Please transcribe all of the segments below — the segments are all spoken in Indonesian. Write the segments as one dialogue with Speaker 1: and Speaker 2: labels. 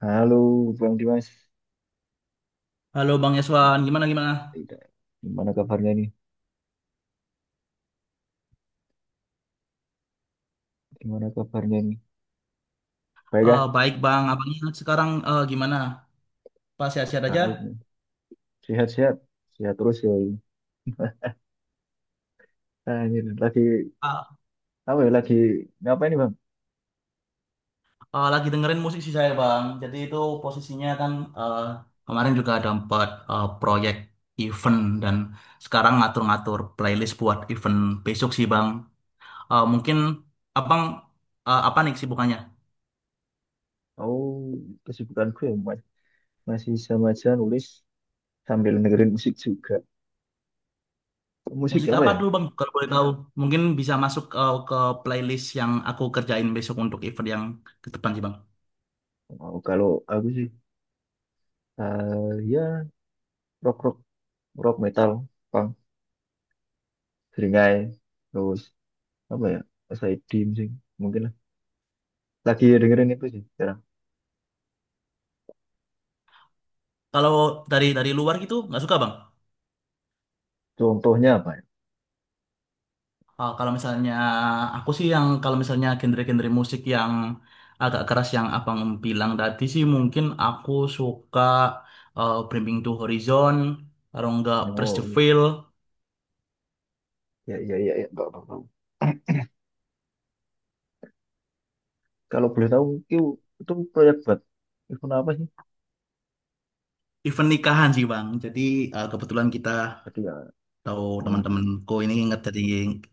Speaker 1: Halo, Bang Dimas.
Speaker 2: Halo Bang Yeswan, gimana gimana?
Speaker 1: Tidak. Gimana kabarnya nih? Gimana kabarnya nih? Baik ah?
Speaker 2: Baik Bang, abangnya sekarang gimana? Pas sehat-sehat aja?
Speaker 1: Baik nih. Sehat-sehat. Sehat terus ya. Ini. Nah, ini lagi
Speaker 2: Ah,
Speaker 1: apa ya? Lagi ngapain nih, Bang?
Speaker 2: lagi dengerin musik sih saya Bang. Jadi itu posisinya kan eh, kemarin juga dapat proyek event dan sekarang ngatur-ngatur playlist buat event besok sih Bang. Eh, mungkin abang apa nih sibukannya?
Speaker 1: Oh, kesibukanku ya masih sama aja nulis sambil dengerin musik juga. Musik
Speaker 2: Musik
Speaker 1: apa
Speaker 2: apa
Speaker 1: ya?
Speaker 2: dulu Bang? Kalau boleh tahu, mungkin bisa masuk ke playlist yang aku kerjain besok untuk event yang ke depan sih Bang.
Speaker 1: Oh, kalau aku sih ya rock rock rock metal, punk, seringai, terus apa ya? SID musik mungkin lah. Lagi dengerin itu sih sekarang.
Speaker 2: Kalau dari luar gitu nggak suka Bang?
Speaker 1: Contohnya apa ya?
Speaker 2: Ah, kalau misalnya aku sih yang kalau misalnya genre-genre musik yang agak keras yang abang bilang tadi sih mungkin aku suka Bringing to Horizon, kalau enggak Press the
Speaker 1: Oh iya,
Speaker 2: Veil,
Speaker 1: ya ya ya, ya. Nggak apa-apa. Kalau boleh tahu itu itu proyek buat event apa sih?
Speaker 2: even nikahan sih bang. Jadi kebetulan kita
Speaker 1: Tadi ya,
Speaker 2: tahu
Speaker 1: hmm,
Speaker 2: teman-temanku ini inget dari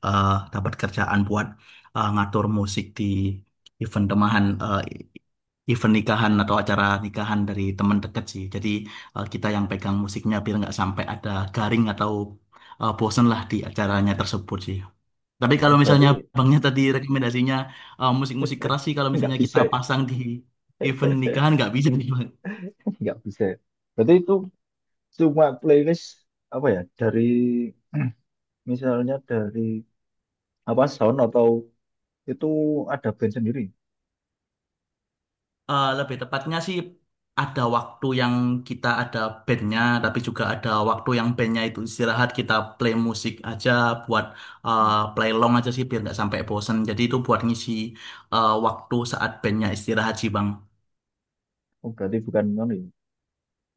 Speaker 2: eh, dapat kerjaan buat ngatur musik di event temahan event nikahan atau acara nikahan dari teman dekat sih. Jadi kita yang pegang musiknya biar nggak sampai ada garing atau bosen lah di acaranya tersebut sih. Tapi kalau misalnya
Speaker 1: berarti
Speaker 2: abangnya tadi rekomendasinya musik-musik keras sih kalau
Speaker 1: nggak
Speaker 2: misalnya kita
Speaker 1: bisa ya,
Speaker 2: pasang di event nikahan nggak bisa nih, Bang.
Speaker 1: nggak bisa. Ya. Berarti itu cuma playlist apa ya? Dari misalnya dari apa sound atau itu ada band sendiri?
Speaker 2: Eh, lebih tepatnya sih ada waktu yang kita ada bandnya, tapi juga ada waktu yang bandnya itu istirahat kita play musik aja buat play long aja sih biar nggak sampai bosen. Jadi itu buat ngisi waktu saat bandnya istirahat sih bang.
Speaker 1: Oh berarti bukan anu ya,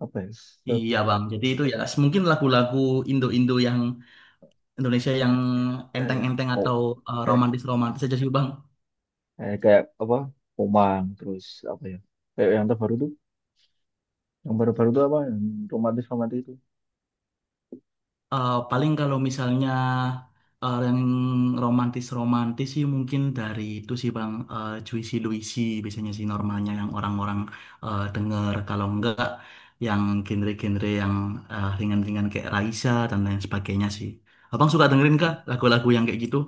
Speaker 1: apa ya? Set,
Speaker 2: Iya bang. Jadi itu ya mungkin lagu-lagu Indo-Indo yang Indonesia yang
Speaker 1: ya, ya.
Speaker 2: enteng-enteng atau
Speaker 1: Oh,
Speaker 2: romantis-romantis aja sih bang.
Speaker 1: kayak kayak apa? Komang terus apa ya? Kayak yang terbaru tuh, yang baru-baru tuh apa? Yang romantis romantis itu.
Speaker 2: Eh, paling kalau misalnya yang romantis-romantis sih mungkin dari itu sih Bang Juicy Luicy biasanya sih normalnya yang orang-orang denger kalau enggak yang genre-genre yang ringan-ringan kayak Raisa dan lain sebagainya sih. Abang suka dengerin kah lagu-lagu yang kayak gitu?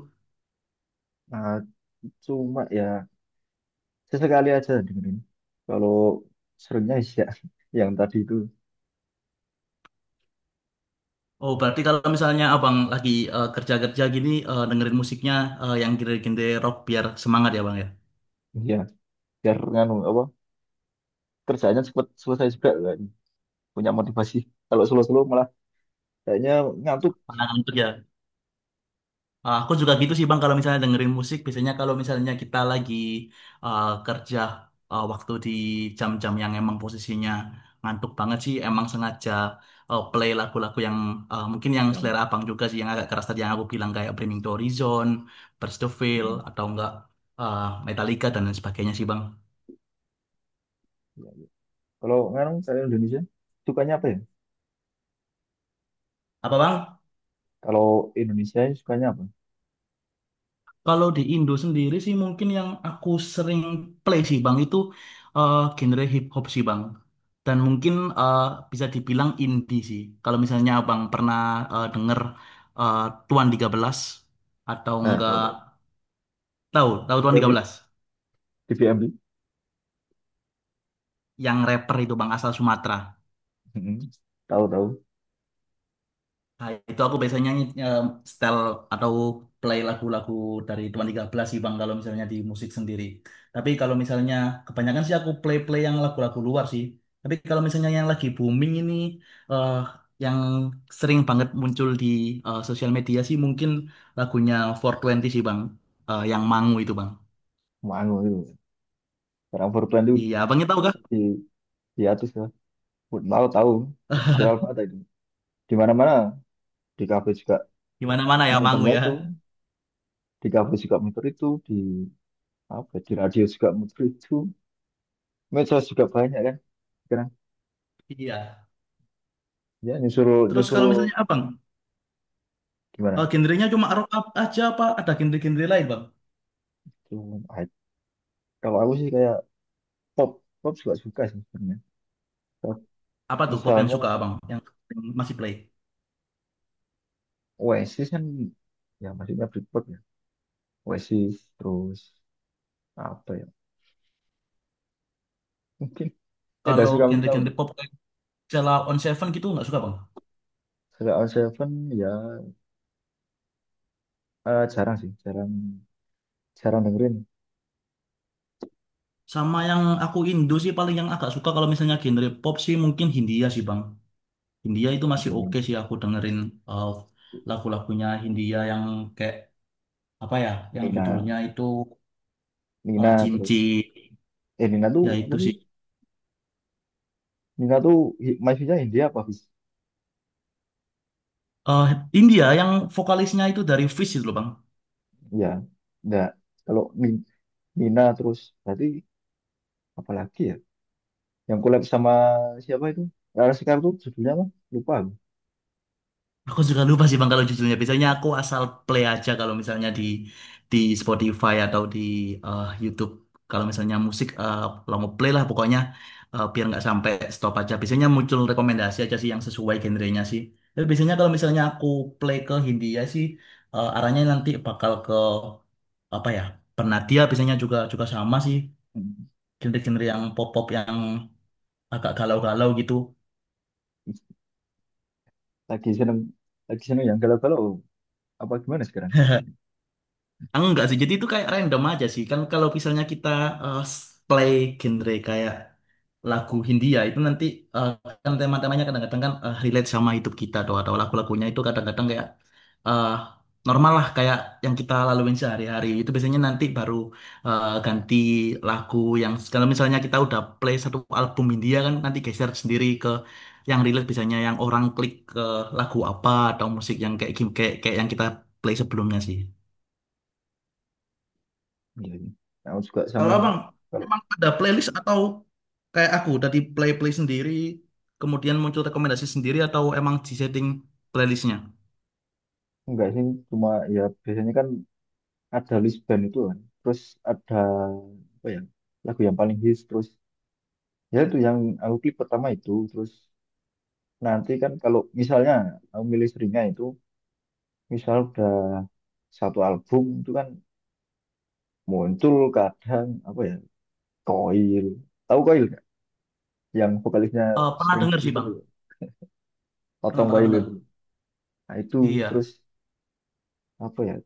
Speaker 1: Nah, cuma ya sesekali aja dengerin. Kalau seringnya sih ya yang tadi itu
Speaker 2: Oh, berarti kalau misalnya Abang lagi kerja-kerja gini dengerin musiknya yang genre-genre rock biar semangat ya Bang ya.
Speaker 1: ya biar nganu apa kerjaannya cepet selesai juga kan. Punya motivasi. Kalau slow-slow malah kayaknya ngantuk.
Speaker 2: Pangan kerja. Ah, aku juga gitu sih Bang kalau misalnya dengerin musik biasanya kalau misalnya kita lagi kerja waktu di jam-jam yang emang posisinya ngantuk banget sih emang sengaja play lagu-lagu yang mungkin yang
Speaker 1: Yang
Speaker 2: selera Abang juga sih yang agak keras tadi yang aku bilang kayak Bring Me The Horizon, Burst The Veil
Speaker 1: mm.
Speaker 2: atau enggak ah, Metallica dan lain sebagainya sih Bang.
Speaker 1: Ya, ya. Kalau nganu saya Indonesia sukanya apa ya?
Speaker 2: Apa Bang?
Speaker 1: Kalau Indonesia sukanya apa?
Speaker 2: Kalau di Indo sendiri sih mungkin yang aku sering play sih Bang itu genre hip hop sih Bang. Dan mungkin eh, bisa dibilang indie sih. Kalau misalnya Abang pernah denger eh, Tuan 13 atau
Speaker 1: Nah, tahu
Speaker 2: enggak
Speaker 1: tahu.
Speaker 2: tahu, tahu Tuan
Speaker 1: DVMB,
Speaker 2: 13
Speaker 1: DVMB.
Speaker 2: yang rapper itu Bang asal Sumatera.
Speaker 1: Mm-mm. Tahu tahu.
Speaker 2: Nah, itu aku biasanya nyanyi style atau play lagu-lagu dari Tuan 13 sih Bang kalau misalnya di musik sendiri. Tapi kalau misalnya kebanyakan sih aku play-play yang lagu-lagu luar sih. Tapi kalau misalnya yang lagi booming ini eh yang sering banget muncul di sosial media sih mungkin lagunya 420 sih Bang. Eh, yang Mangu itu Bang.
Speaker 1: Manu itu. Orang 420 itu
Speaker 2: Iya, Abangnya tahu kah?
Speaker 1: di di atas ya. Mau tahu. Viral banget itu. Di mana-mana di kafe juga
Speaker 2: Gimana mana ya Mangu
Speaker 1: muternya itu
Speaker 2: ya.
Speaker 1: di kafe juga muter itu di apa di radio juga muter itu medsos juga banyak kan sekarang
Speaker 2: Iya.
Speaker 1: ya nyusul
Speaker 2: Terus
Speaker 1: nyusul
Speaker 2: kalau misalnya Abang,
Speaker 1: gimana
Speaker 2: genrenya cuma rock up aja apa ada genre-genre lain Bang?
Speaker 1: tuh ah, kalau aku sih kayak pop pop juga suka sih sebenarnya. Pop.
Speaker 2: Apa tuh pop yang
Speaker 1: Misalnya
Speaker 2: suka abang? Yang masih play?
Speaker 1: Oasis kan ya maksudnya Britpop ya Oasis terus apa ya mungkin dah
Speaker 2: Kalau
Speaker 1: suka itu tahu
Speaker 2: genre-genre
Speaker 1: nggak?
Speaker 2: pop kayak Sheila on Seven gitu nggak suka bang?
Speaker 1: Suka Out Seven ya jarang sih jarang jarang dengerin.
Speaker 2: Sama yang aku Indo sih paling yang agak suka kalau misalnya genre pop sih mungkin Hindia sih bang. Hindia itu masih
Speaker 1: Hmm,
Speaker 2: oke sih aku dengerin uh, lagu-lagunya Hindia yang kayak apa ya? Yang
Speaker 1: Nina
Speaker 2: judulnya itu
Speaker 1: Nina terus
Speaker 2: Cinci.
Speaker 1: eh Nina tuh
Speaker 2: Ya
Speaker 1: apa
Speaker 2: itu
Speaker 1: sih
Speaker 2: sih.
Speaker 1: Nina tuh mahasiswanya India apa Fis?
Speaker 2: Eh, India yang vokalisnya itu dari Fish itu loh bang.
Speaker 1: Ya, enggak. Kalau Nina terus berarti apa lagi ya? Yang collab sama siapa itu? Rara Sekar tuh judulnya apa? Lupa aku.
Speaker 2: Aku juga lupa sih Bang kalau judulnya. Biasanya aku asal play aja kalau misalnya di Spotify atau di YouTube. Kalau misalnya musik kalau mau play lah pokoknya biar nggak sampai stop aja. Biasanya muncul rekomendasi aja sih yang sesuai genrenya sih. Tapi biasanya kalau misalnya aku play ke Hindia sih arahnya nanti bakal ke apa ya? Pernadia biasanya juga juga sama sih
Speaker 1: Hmm.
Speaker 2: genre-genre yang pop-pop yang agak galau-galau gitu.
Speaker 1: Lagi seneng, lagi seneng yang galau-galau apa gimana sekarang?
Speaker 2: Enggak sih, jadi itu kayak random aja sih. Kan kalau misalnya kita eh, play genre kayak lagu Hindia itu nanti eh, kan tema-temanya kadang-kadang kan relate sama hidup kita atau lagu-lagunya itu kadang-kadang kayak eh, normal lah kayak yang kita laluin sehari-hari. Itu biasanya nanti baru ganti lagu yang kalau misalnya kita udah play satu album Hindia kan nanti geser sendiri ke yang relate biasanya yang orang klik ke lagu apa atau musik yang kayak kayak kayak yang kita play sebelumnya sih.
Speaker 1: Iya, iya. Aku juga sama
Speaker 2: Kalau
Speaker 1: sih.
Speaker 2: abang
Speaker 1: Kalau
Speaker 2: emang ada playlist atau kayak aku dari play-play sendiri, kemudian muncul rekomendasi sendiri atau emang di setting playlistnya?
Speaker 1: enggak sih, cuma ya biasanya kan ada list band itu kan. Terus ada apa ya? Lagu yang paling hits terus ya itu yang aku klik pertama itu terus nanti kan kalau misalnya aku milih seringnya itu misal udah satu album itu kan muncul kadang apa ya Koil tahu Koil nggak yang vokalisnya
Speaker 2: Eh, pernah
Speaker 1: sering di
Speaker 2: denger sih
Speaker 1: Twitter
Speaker 2: bang,
Speaker 1: tuh,
Speaker 2: pernah
Speaker 1: Otong
Speaker 2: pernah
Speaker 1: Koil itu
Speaker 2: denger.
Speaker 1: nah itu terus
Speaker 2: Iya,
Speaker 1: apa ya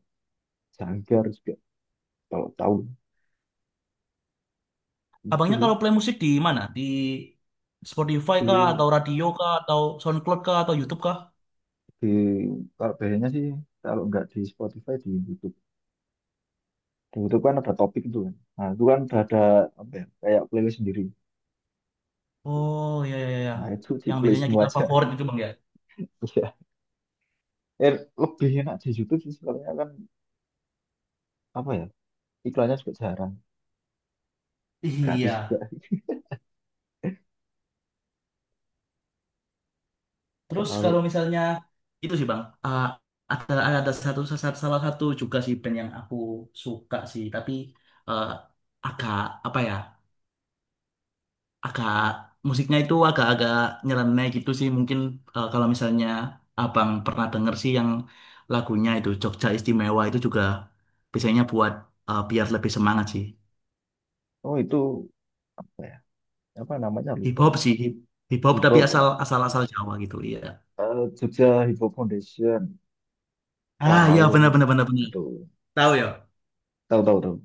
Speaker 1: Jangkar juga kalau tahu itu
Speaker 2: abangnya
Speaker 1: sih
Speaker 2: kalau play musik di mana? Di Spotify kah
Speaker 1: di,
Speaker 2: atau radio kah atau SoundCloud kah atau YouTube kah?
Speaker 1: di kalau bandnya sih kalau nggak di Spotify di YouTube kan ada topik itu kan nah itu kan udah ada apa ya kayak playlist sendiri
Speaker 2: Oh, iya iya iya,
Speaker 1: nah itu
Speaker 2: yang
Speaker 1: ditulis
Speaker 2: biasanya
Speaker 1: semua
Speaker 2: kita
Speaker 1: aja
Speaker 2: favorit itu bang ya.
Speaker 1: ya eh, lebih enak di YouTube sih soalnya kan apa ya iklannya juga jarang gratis juga.
Speaker 2: Iya. Terus
Speaker 1: Kalau
Speaker 2: kalau misalnya itu sih Bang, ada satu satu- salah satu juga sih band yang aku suka sih, tapi eh, agak apa ya, agak musiknya itu agak-agak nyeleneh gitu sih. Mungkin kalau misalnya Abang pernah denger sih yang lagunya itu Jogja Istimewa itu juga biasanya buat biar lebih semangat sih.
Speaker 1: oh itu apa ya? Apa namanya
Speaker 2: Hip
Speaker 1: lupa
Speaker 2: hop
Speaker 1: aku.
Speaker 2: sih, hip hop
Speaker 1: Hip
Speaker 2: tapi
Speaker 1: Hop
Speaker 2: asal asal asal Jawa gitu, iya.
Speaker 1: Jogja Hip Hop Foundation.
Speaker 2: Ah, iya
Speaker 1: Kalau
Speaker 2: benar benar benar benar.
Speaker 1: itu
Speaker 2: Tahu ya.
Speaker 1: tahu tahu tahu.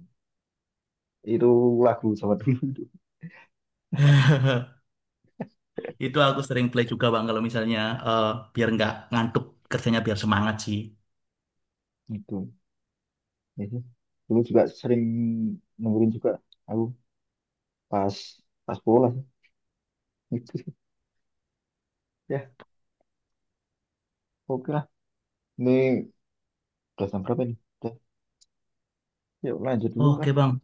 Speaker 1: Itu lagu sama dulu itu.
Speaker 2: Itu aku sering play juga bang kalau misalnya eh, biar nggak ngantuk kerjanya biar semangat sih.
Speaker 1: Itu. Ya sih. Dulu juga sering dengerin juga aku pas pas bola sih. Gitu sih. Ya, oke lah. Ini udah jam berapa nih? Udah. Yuk lanjut dulu
Speaker 2: Oh,
Speaker 1: lah.
Speaker 2: oke bang,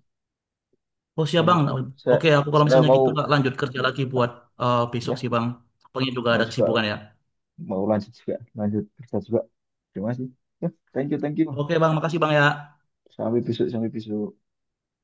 Speaker 2: oh siap
Speaker 1: Lanjut
Speaker 2: bang.
Speaker 1: dulu. Saya
Speaker 2: Oke aku kalau
Speaker 1: saya
Speaker 2: misalnya
Speaker 1: mau
Speaker 2: gitu lanjut kerja lagi buat
Speaker 1: ah,
Speaker 2: besok
Speaker 1: ya,
Speaker 2: sih bang. Pengen juga
Speaker 1: mau
Speaker 2: ada
Speaker 1: juga
Speaker 2: kesibukan ya.
Speaker 1: mau lanjut juga, lanjut kerja juga. Terima kasih. Ya, thank you, thank you.
Speaker 2: Oke bang, makasih bang ya.
Speaker 1: Sampai besok, sampai besok.